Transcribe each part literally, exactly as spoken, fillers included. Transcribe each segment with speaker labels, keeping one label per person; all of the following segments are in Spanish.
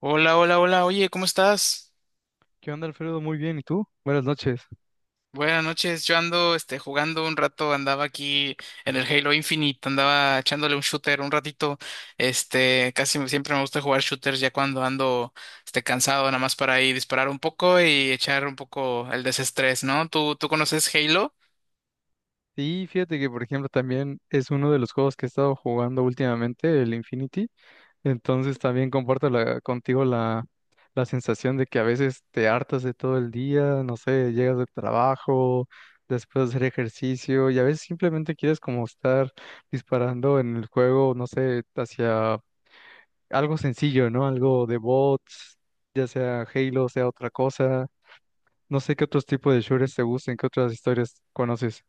Speaker 1: Hola, hola, hola, oye, ¿cómo estás?
Speaker 2: ¿Qué onda, Alfredo? Muy bien, ¿y tú? Buenas noches.
Speaker 1: Buenas noches, yo ando este, jugando un rato, andaba aquí en el Halo Infinite, andaba echándole un shooter un ratito, este, casi me- siempre me gusta jugar shooters ya cuando ando este, cansado, nada más para ahí disparar un poco y echar un poco el desestrés, ¿no? ¿Tú, tú conoces Halo?
Speaker 2: Sí, fíjate que, por ejemplo, también es uno de los juegos que he estado jugando últimamente, el Infinity. Entonces también comparto la- contigo la, la sensación de que a veces te hartas de todo el día, no sé, llegas del trabajo, después de hacer ejercicio, y a veces simplemente quieres como estar disparando en el juego, no sé, hacia algo sencillo, ¿no? Algo de bots, ya sea Halo, sea otra cosa. No sé qué otros tipos de shooters te gusten, qué otras historias conoces.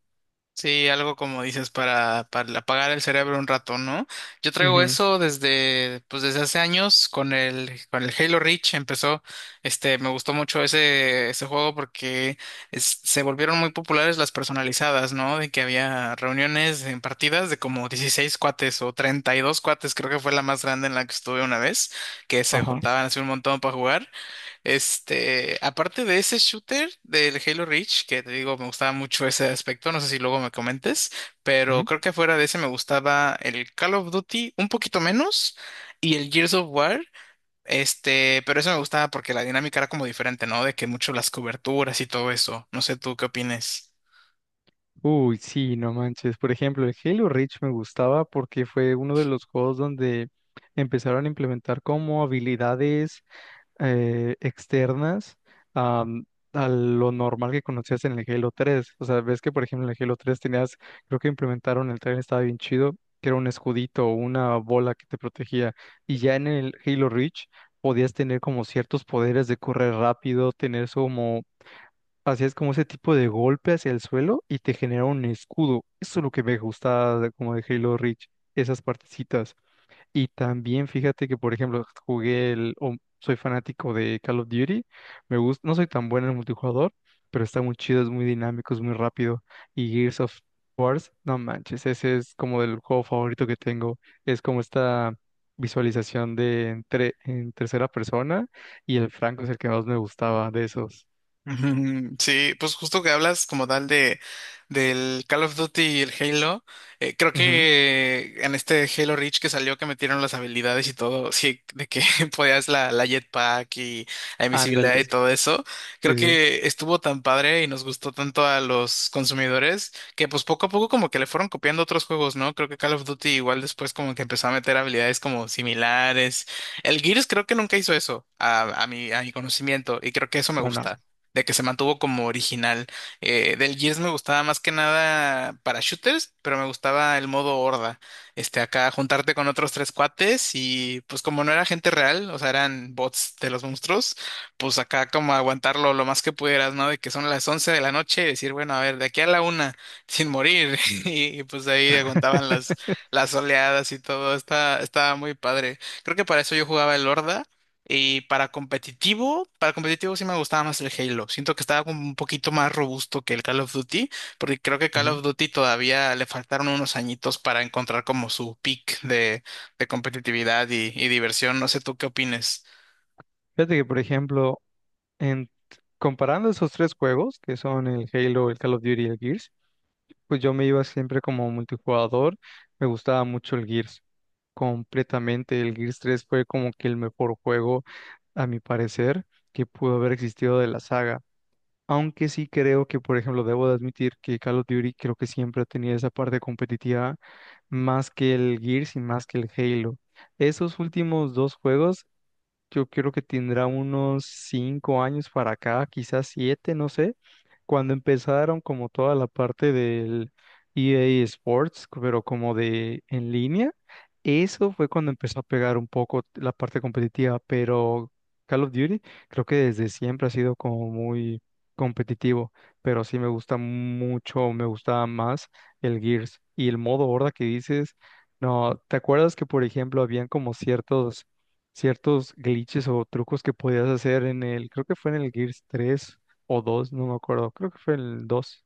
Speaker 1: Sí, algo como dices para, para apagar el cerebro un rato, ¿no? Yo traigo
Speaker 2: Ujú.
Speaker 1: eso desde, pues desde hace años con el, con el Halo Reach empezó, este, me gustó mucho ese, ese juego porque es- se volvieron muy populares las personalizadas, ¿no? De que había reuniones en partidas de como dieciséis cuates o treinta y dos cuates, creo que fue la más grande en la que estuve una vez, que se
Speaker 2: Ajá.
Speaker 1: juntaban así un montón para jugar este, aparte de ese shooter del Halo Reach, que te digo, me gustaba mucho ese aspecto, no sé si luego me comentes, pero
Speaker 2: Ujú.
Speaker 1: creo que fuera de ese me gustaba el Call of Duty un poquito menos y el Gears of War, este, pero eso me gustaba porque la dinámica era como diferente, ¿no? De que mucho las coberturas y todo eso. No sé tú qué opines.
Speaker 2: Uy, sí, no manches. Por ejemplo, el Halo Reach me gustaba porque fue uno de los juegos donde empezaron a implementar como habilidades eh, externas am, a lo normal que conocías en el Halo tres. O sea, ves que, por ejemplo, en el Halo tres tenías, creo que implementaron el tren, estaba bien chido, que era un escudito o una bola que te protegía. Y ya en el Halo Reach podías tener como ciertos poderes de correr rápido, tener eso como, hacías como ese tipo de golpe hacia el suelo y te genera un escudo. Eso es lo que me gusta de- como de Halo Reach, esas partecitas. Y también fíjate que, por ejemplo, jugué el, o soy fanático de Call of Duty, me gusta, no soy tan bueno en el multijugador, pero está muy chido, es muy dinámico, es muy rápido. Y Gears of War, no manches, ese es como el juego favorito que tengo. Es como esta visualización de entre, en tercera persona y el Franco es el que más me gustaba de esos.
Speaker 1: Ujú. Sí, pues justo que hablas como tal de del Call of Duty y el Halo, eh, creo
Speaker 2: Ujú.
Speaker 1: que en este Halo Reach que salió que metieron las habilidades y todo, sí, de que podías la, la jetpack y la invisibilidad
Speaker 2: Ándale,
Speaker 1: y
Speaker 2: sí,
Speaker 1: todo eso, creo
Speaker 2: sí.
Speaker 1: que estuvo tan padre y nos gustó tanto a los consumidores que pues poco a poco como que le fueron copiando otros juegos, ¿no? Creo que Call of Duty igual después como que empezó a meter habilidades como similares. El Gears creo que nunca hizo eso a, a mi, a mi conocimiento y creo que eso me
Speaker 2: No, no.
Speaker 1: gusta de que se mantuvo como original. Eh, del Gears me gustaba más que nada para shooters, pero me gustaba el modo horda. Este, acá juntarte con otros tres cuates y pues como no era gente real, o sea, eran bots de los monstruos, pues acá como aguantarlo lo más que pudieras, ¿no? De que son las once de la noche y decir, bueno, a ver, de aquí a la una, sin morir. Y pues ahí aguantaban las, las oleadas y todo. Estaba, estaba muy padre. Creo que para eso yo jugaba el horda. Y para competitivo, para competitivo sí me gustaba más el Halo. Siento que estaba como un poquito más robusto que el Call of Duty, porque creo que Call
Speaker 2: Ujú.
Speaker 1: of Duty todavía le faltaron unos añitos para encontrar como su peak de, de competitividad y, y diversión. No sé tú qué opines.
Speaker 2: Fíjate que, por ejemplo, En, comparando esos tres juegos, que son el Halo, el Call of Duty y el Gears, pues yo me iba siempre como multijugador, me gustaba mucho el Gears, completamente. El Gears tres fue como que el mejor juego, a mi parecer, que pudo haber existido de la saga. Aunque sí creo que, por ejemplo, debo de admitir que Call of Duty creo que siempre ha tenido esa parte competitiva más que el Gears y más que el Halo. Esos últimos dos juegos yo creo que tendrá unos cinco años para acá, quizás siete, no sé, cuando empezaron como toda la parte del E A Sports, pero como de en línea, eso fue cuando empezó a pegar un poco la parte competitiva, pero Call of Duty creo que desde siempre ha sido como muy competitivo, pero sí me gusta mucho, me gustaba más el Gears y el modo horda que dices, no, ¿te acuerdas que por ejemplo habían como ciertos ciertos glitches o trucos que podías hacer en el, creo que fue en el Gears tres o dos, no me acuerdo, creo que fue el dos.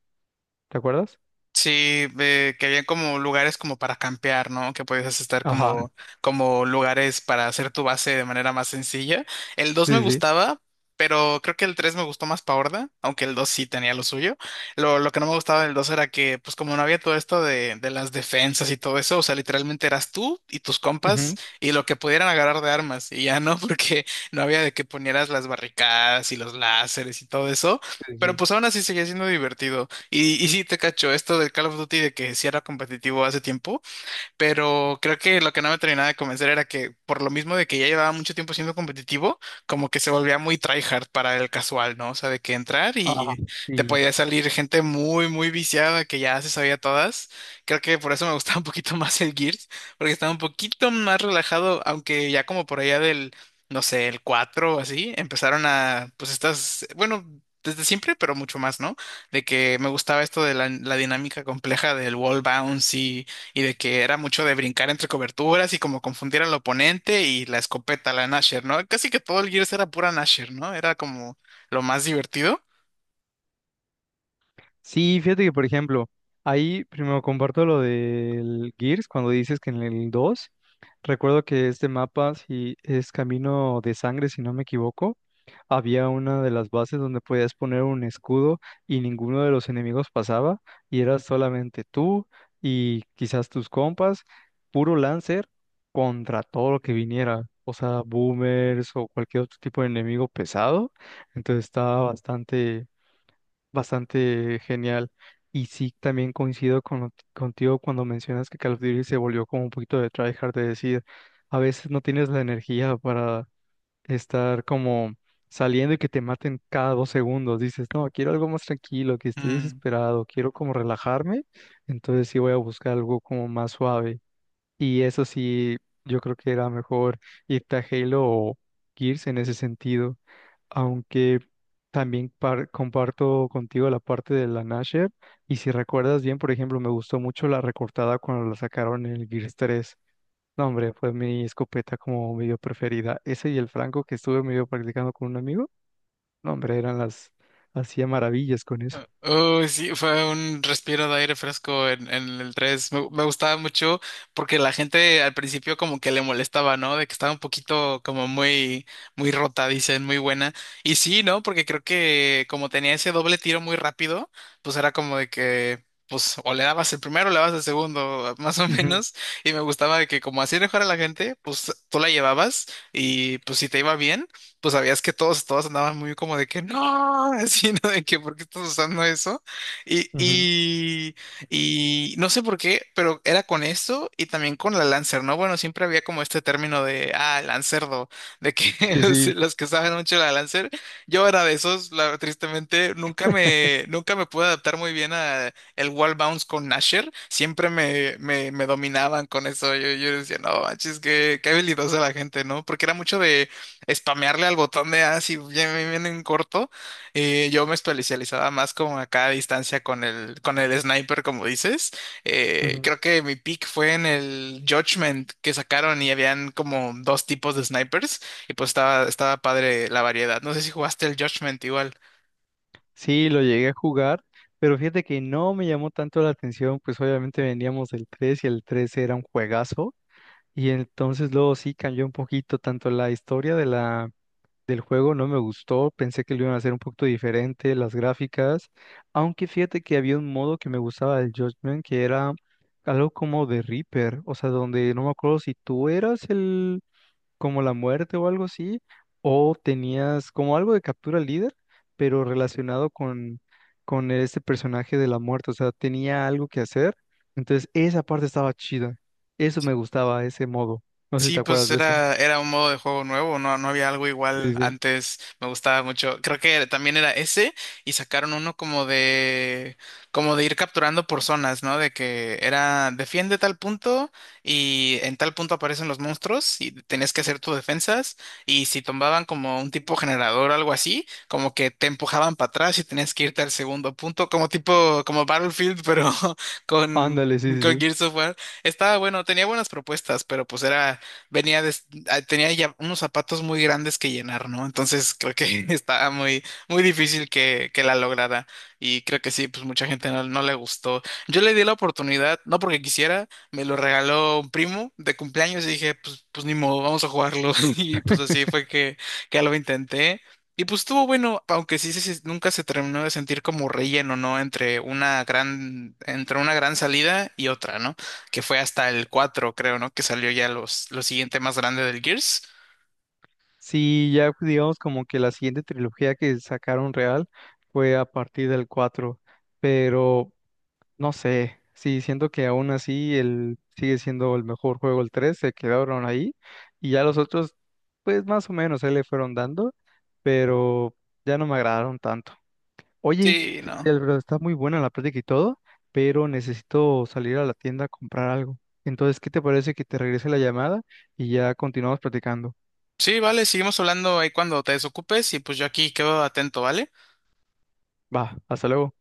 Speaker 2: ¿Te acuerdas?
Speaker 1: Sí, eh, que había como lugares como para campear, ¿no? Que podías estar
Speaker 2: Ajá,
Speaker 1: como, como lugares para hacer tu base de manera más sencilla. El dos me
Speaker 2: sí, sí.
Speaker 1: gustaba, pero creo que el tres me gustó más pa' horda, aunque el dos sí tenía lo suyo. Lo, lo que no me gustaba del dos era que, pues como no había todo esto de, de las defensas y todo eso, o sea, literalmente eras tú y tus compas
Speaker 2: Ujú.
Speaker 1: y lo que pudieran agarrar de armas, y ya no, porque no había de que ponieras las barricadas y los láseres y todo eso.
Speaker 2: Sí,
Speaker 1: Pero
Speaker 2: sí.
Speaker 1: pues aún así seguía siendo divertido. Y, y sí, te cacho, esto del Call of Duty de que sí era competitivo hace tiempo, pero creo que lo que no me terminaba de convencer era que por lo mismo de que ya llevaba mucho tiempo siendo competitivo, como que se volvía muy tryhard para el casual, ¿no? O sea, de que entrar
Speaker 2: Ajá,
Speaker 1: y te
Speaker 2: sí.
Speaker 1: podía salir gente muy, muy viciada que ya se sabía todas. Creo que por eso me gustaba un poquito más el Gears, porque estaba un poquito más relajado, aunque ya como por allá del, no sé, el cuatro o así, empezaron a, pues estas, bueno... Desde siempre, pero mucho más, ¿no? De que me gustaba esto de la, la dinámica compleja del wall bounce y de que era mucho de brincar entre coberturas y como confundir al oponente y la escopeta, la Nasher, ¿no? Casi que todo el Gears era pura Nasher, ¿no? Era como lo más divertido.
Speaker 2: Sí, fíjate que, por ejemplo, ahí primero comparto lo del Gears, cuando dices que en el dos, recuerdo que este mapa, si es Camino de Sangre, si no me equivoco, había una de las bases donde podías poner un escudo y ninguno de los enemigos pasaba y eras solamente tú y quizás tus compas, puro Lancer contra todo lo que viniera, o sea, boomers o cualquier otro tipo de enemigo pesado. Entonces estaba bastante, bastante genial. Y sí, también coincido con- contigo cuando mencionas que Call of Duty se volvió como un poquito de tryhard, de decir, a veces no tienes la energía para estar como saliendo y que te maten cada dos segundos. Dices, no, quiero algo más tranquilo, que estoy
Speaker 1: Mm.
Speaker 2: desesperado, quiero como relajarme, entonces sí voy a buscar algo como más suave. Y eso sí, yo creo que era mejor irte a Halo o Gears en ese sentido, aunque también par- comparto contigo la parte de la Nasher. Y si recuerdas bien, por ejemplo, me gustó mucho la recortada cuando la sacaron en el Gears tres. No, hombre, fue mi escopeta como medio preferida. Ese y el franco que estuve medio practicando con un amigo. No, hombre, eran las... Hacía maravillas con eso.
Speaker 1: Uy, sí, fue un respiro de aire fresco en, en el tres. Me, me gustaba mucho porque la gente al principio como que le molestaba, ¿no? De que estaba un poquito como muy, muy rota, dicen, muy buena. Y sí, ¿no? Porque creo que como tenía ese doble tiro muy rápido, pues era como de que, pues, o le dabas el primero o le dabas el segundo, más o
Speaker 2: Ujú,
Speaker 1: menos. Y me gustaba de que como así mejor a la gente, pues tú la llevabas y pues si te iba bien pues sabías que todos, todos andaban muy como de que no, así, ¿no? De que ¿por qué estás usando eso? Y,
Speaker 2: ujú.
Speaker 1: y, y no sé por qué, pero era con eso y también con la Lancer, ¿no? Bueno, siempre había como este término de, ah, Lancerdo, de que
Speaker 2: Sí,
Speaker 1: sí,
Speaker 2: sí.
Speaker 1: los que saben mucho de la Lancer, yo era de esos, la- tristemente, nunca me, nunca me pude adaptar muy bien a el wall bounce con Nasher, siempre me, me, me dominaban con eso, yo, yo decía, no, manches, qué, qué habilidosa la gente, ¿no? Porque era mucho de spamearle al botón de así bien, bien, bien en corto. Eh, yo me especializaba más como acá a distancia con el, con el sniper, como dices. Eh,
Speaker 2: Ujú.
Speaker 1: creo que mi pick fue en el Judgment que sacaron y habían como dos tipos de snipers y pues estaba, estaba padre la variedad. No sé si jugaste el Judgment igual.
Speaker 2: Sí, lo llegué a jugar, pero fíjate que no me llamó tanto la atención, pues obviamente veníamos del tres y el tres era un juegazo, y entonces luego sí cambió un poquito tanto la historia de la del juego, no me gustó, pensé que lo iban a hacer un poquito diferente, las gráficas, aunque fíjate que había un modo que me gustaba del Judgment, que era algo como de Reaper, o sea, donde no me acuerdo si tú eras el, como la muerte o algo así, o tenías como algo de captura líder, pero relacionado con, con este personaje de la muerte, o sea, tenía algo que hacer, entonces esa parte estaba chida, eso me gustaba, ese modo, no sé si
Speaker 1: Sí,
Speaker 2: te acuerdas
Speaker 1: pues
Speaker 2: de ese.
Speaker 1: era, era un modo de juego nuevo, no, no había algo igual
Speaker 2: Sí, sí.
Speaker 1: antes, me gustaba mucho. Creo que también era ese y sacaron uno como de, como de ir capturando por zonas, ¿no? De que era defiende tal punto y en tal punto aparecen los monstruos y tenías que hacer tus defensas y si tomaban como un tipo generador o algo así, como que te empujaban para atrás y tenías que irte al segundo punto, como tipo, como Battlefield, pero con...
Speaker 2: Ándale, sí, sí,
Speaker 1: Con
Speaker 2: sí.
Speaker 1: Gears of War. Estaba bueno, tenía buenas propuestas, pero pues era venía de- ah, tenía ya unos zapatos muy grandes que llenar, ¿no? Entonces creo que estaba muy, muy difícil que, que la lograra. Y creo que sí, pues mucha gente no, no le gustó. Yo le di la oportunidad, no porque quisiera, me lo regaló un primo de cumpleaños y dije, pues, pues ni modo, vamos a jugarlo. Y pues así fue que, que lo intenté. Y pues estuvo bueno, aunque sí, sí, sí, nunca se terminó de sentir como relleno, ¿no? Entre una gran, entre una gran salida y otra, ¿no? Que fue hasta el cuatro creo, ¿no? Que salió ya los, lo siguiente más grande del Gears.
Speaker 2: Sí, ya pues, digamos como que la siguiente trilogía que sacaron real fue a partir del cuatro, pero no sé, sí, siento que aún así el, sigue siendo el mejor juego, el tres, se quedaron ahí y ya los otros, pues más o menos, ahí le fueron dando, pero ya no me agradaron tanto. Oye,
Speaker 1: Sí, no.
Speaker 2: fíjate, Alfredo, está muy buena la plática y todo, pero necesito salir a la tienda a comprar algo. Entonces, ¿qué te parece que te regrese la llamada y ya continuamos platicando?
Speaker 1: Sí, vale, seguimos hablando ahí cuando te desocupes y pues yo aquí quedo atento, ¿vale?
Speaker 2: Va, hasta luego.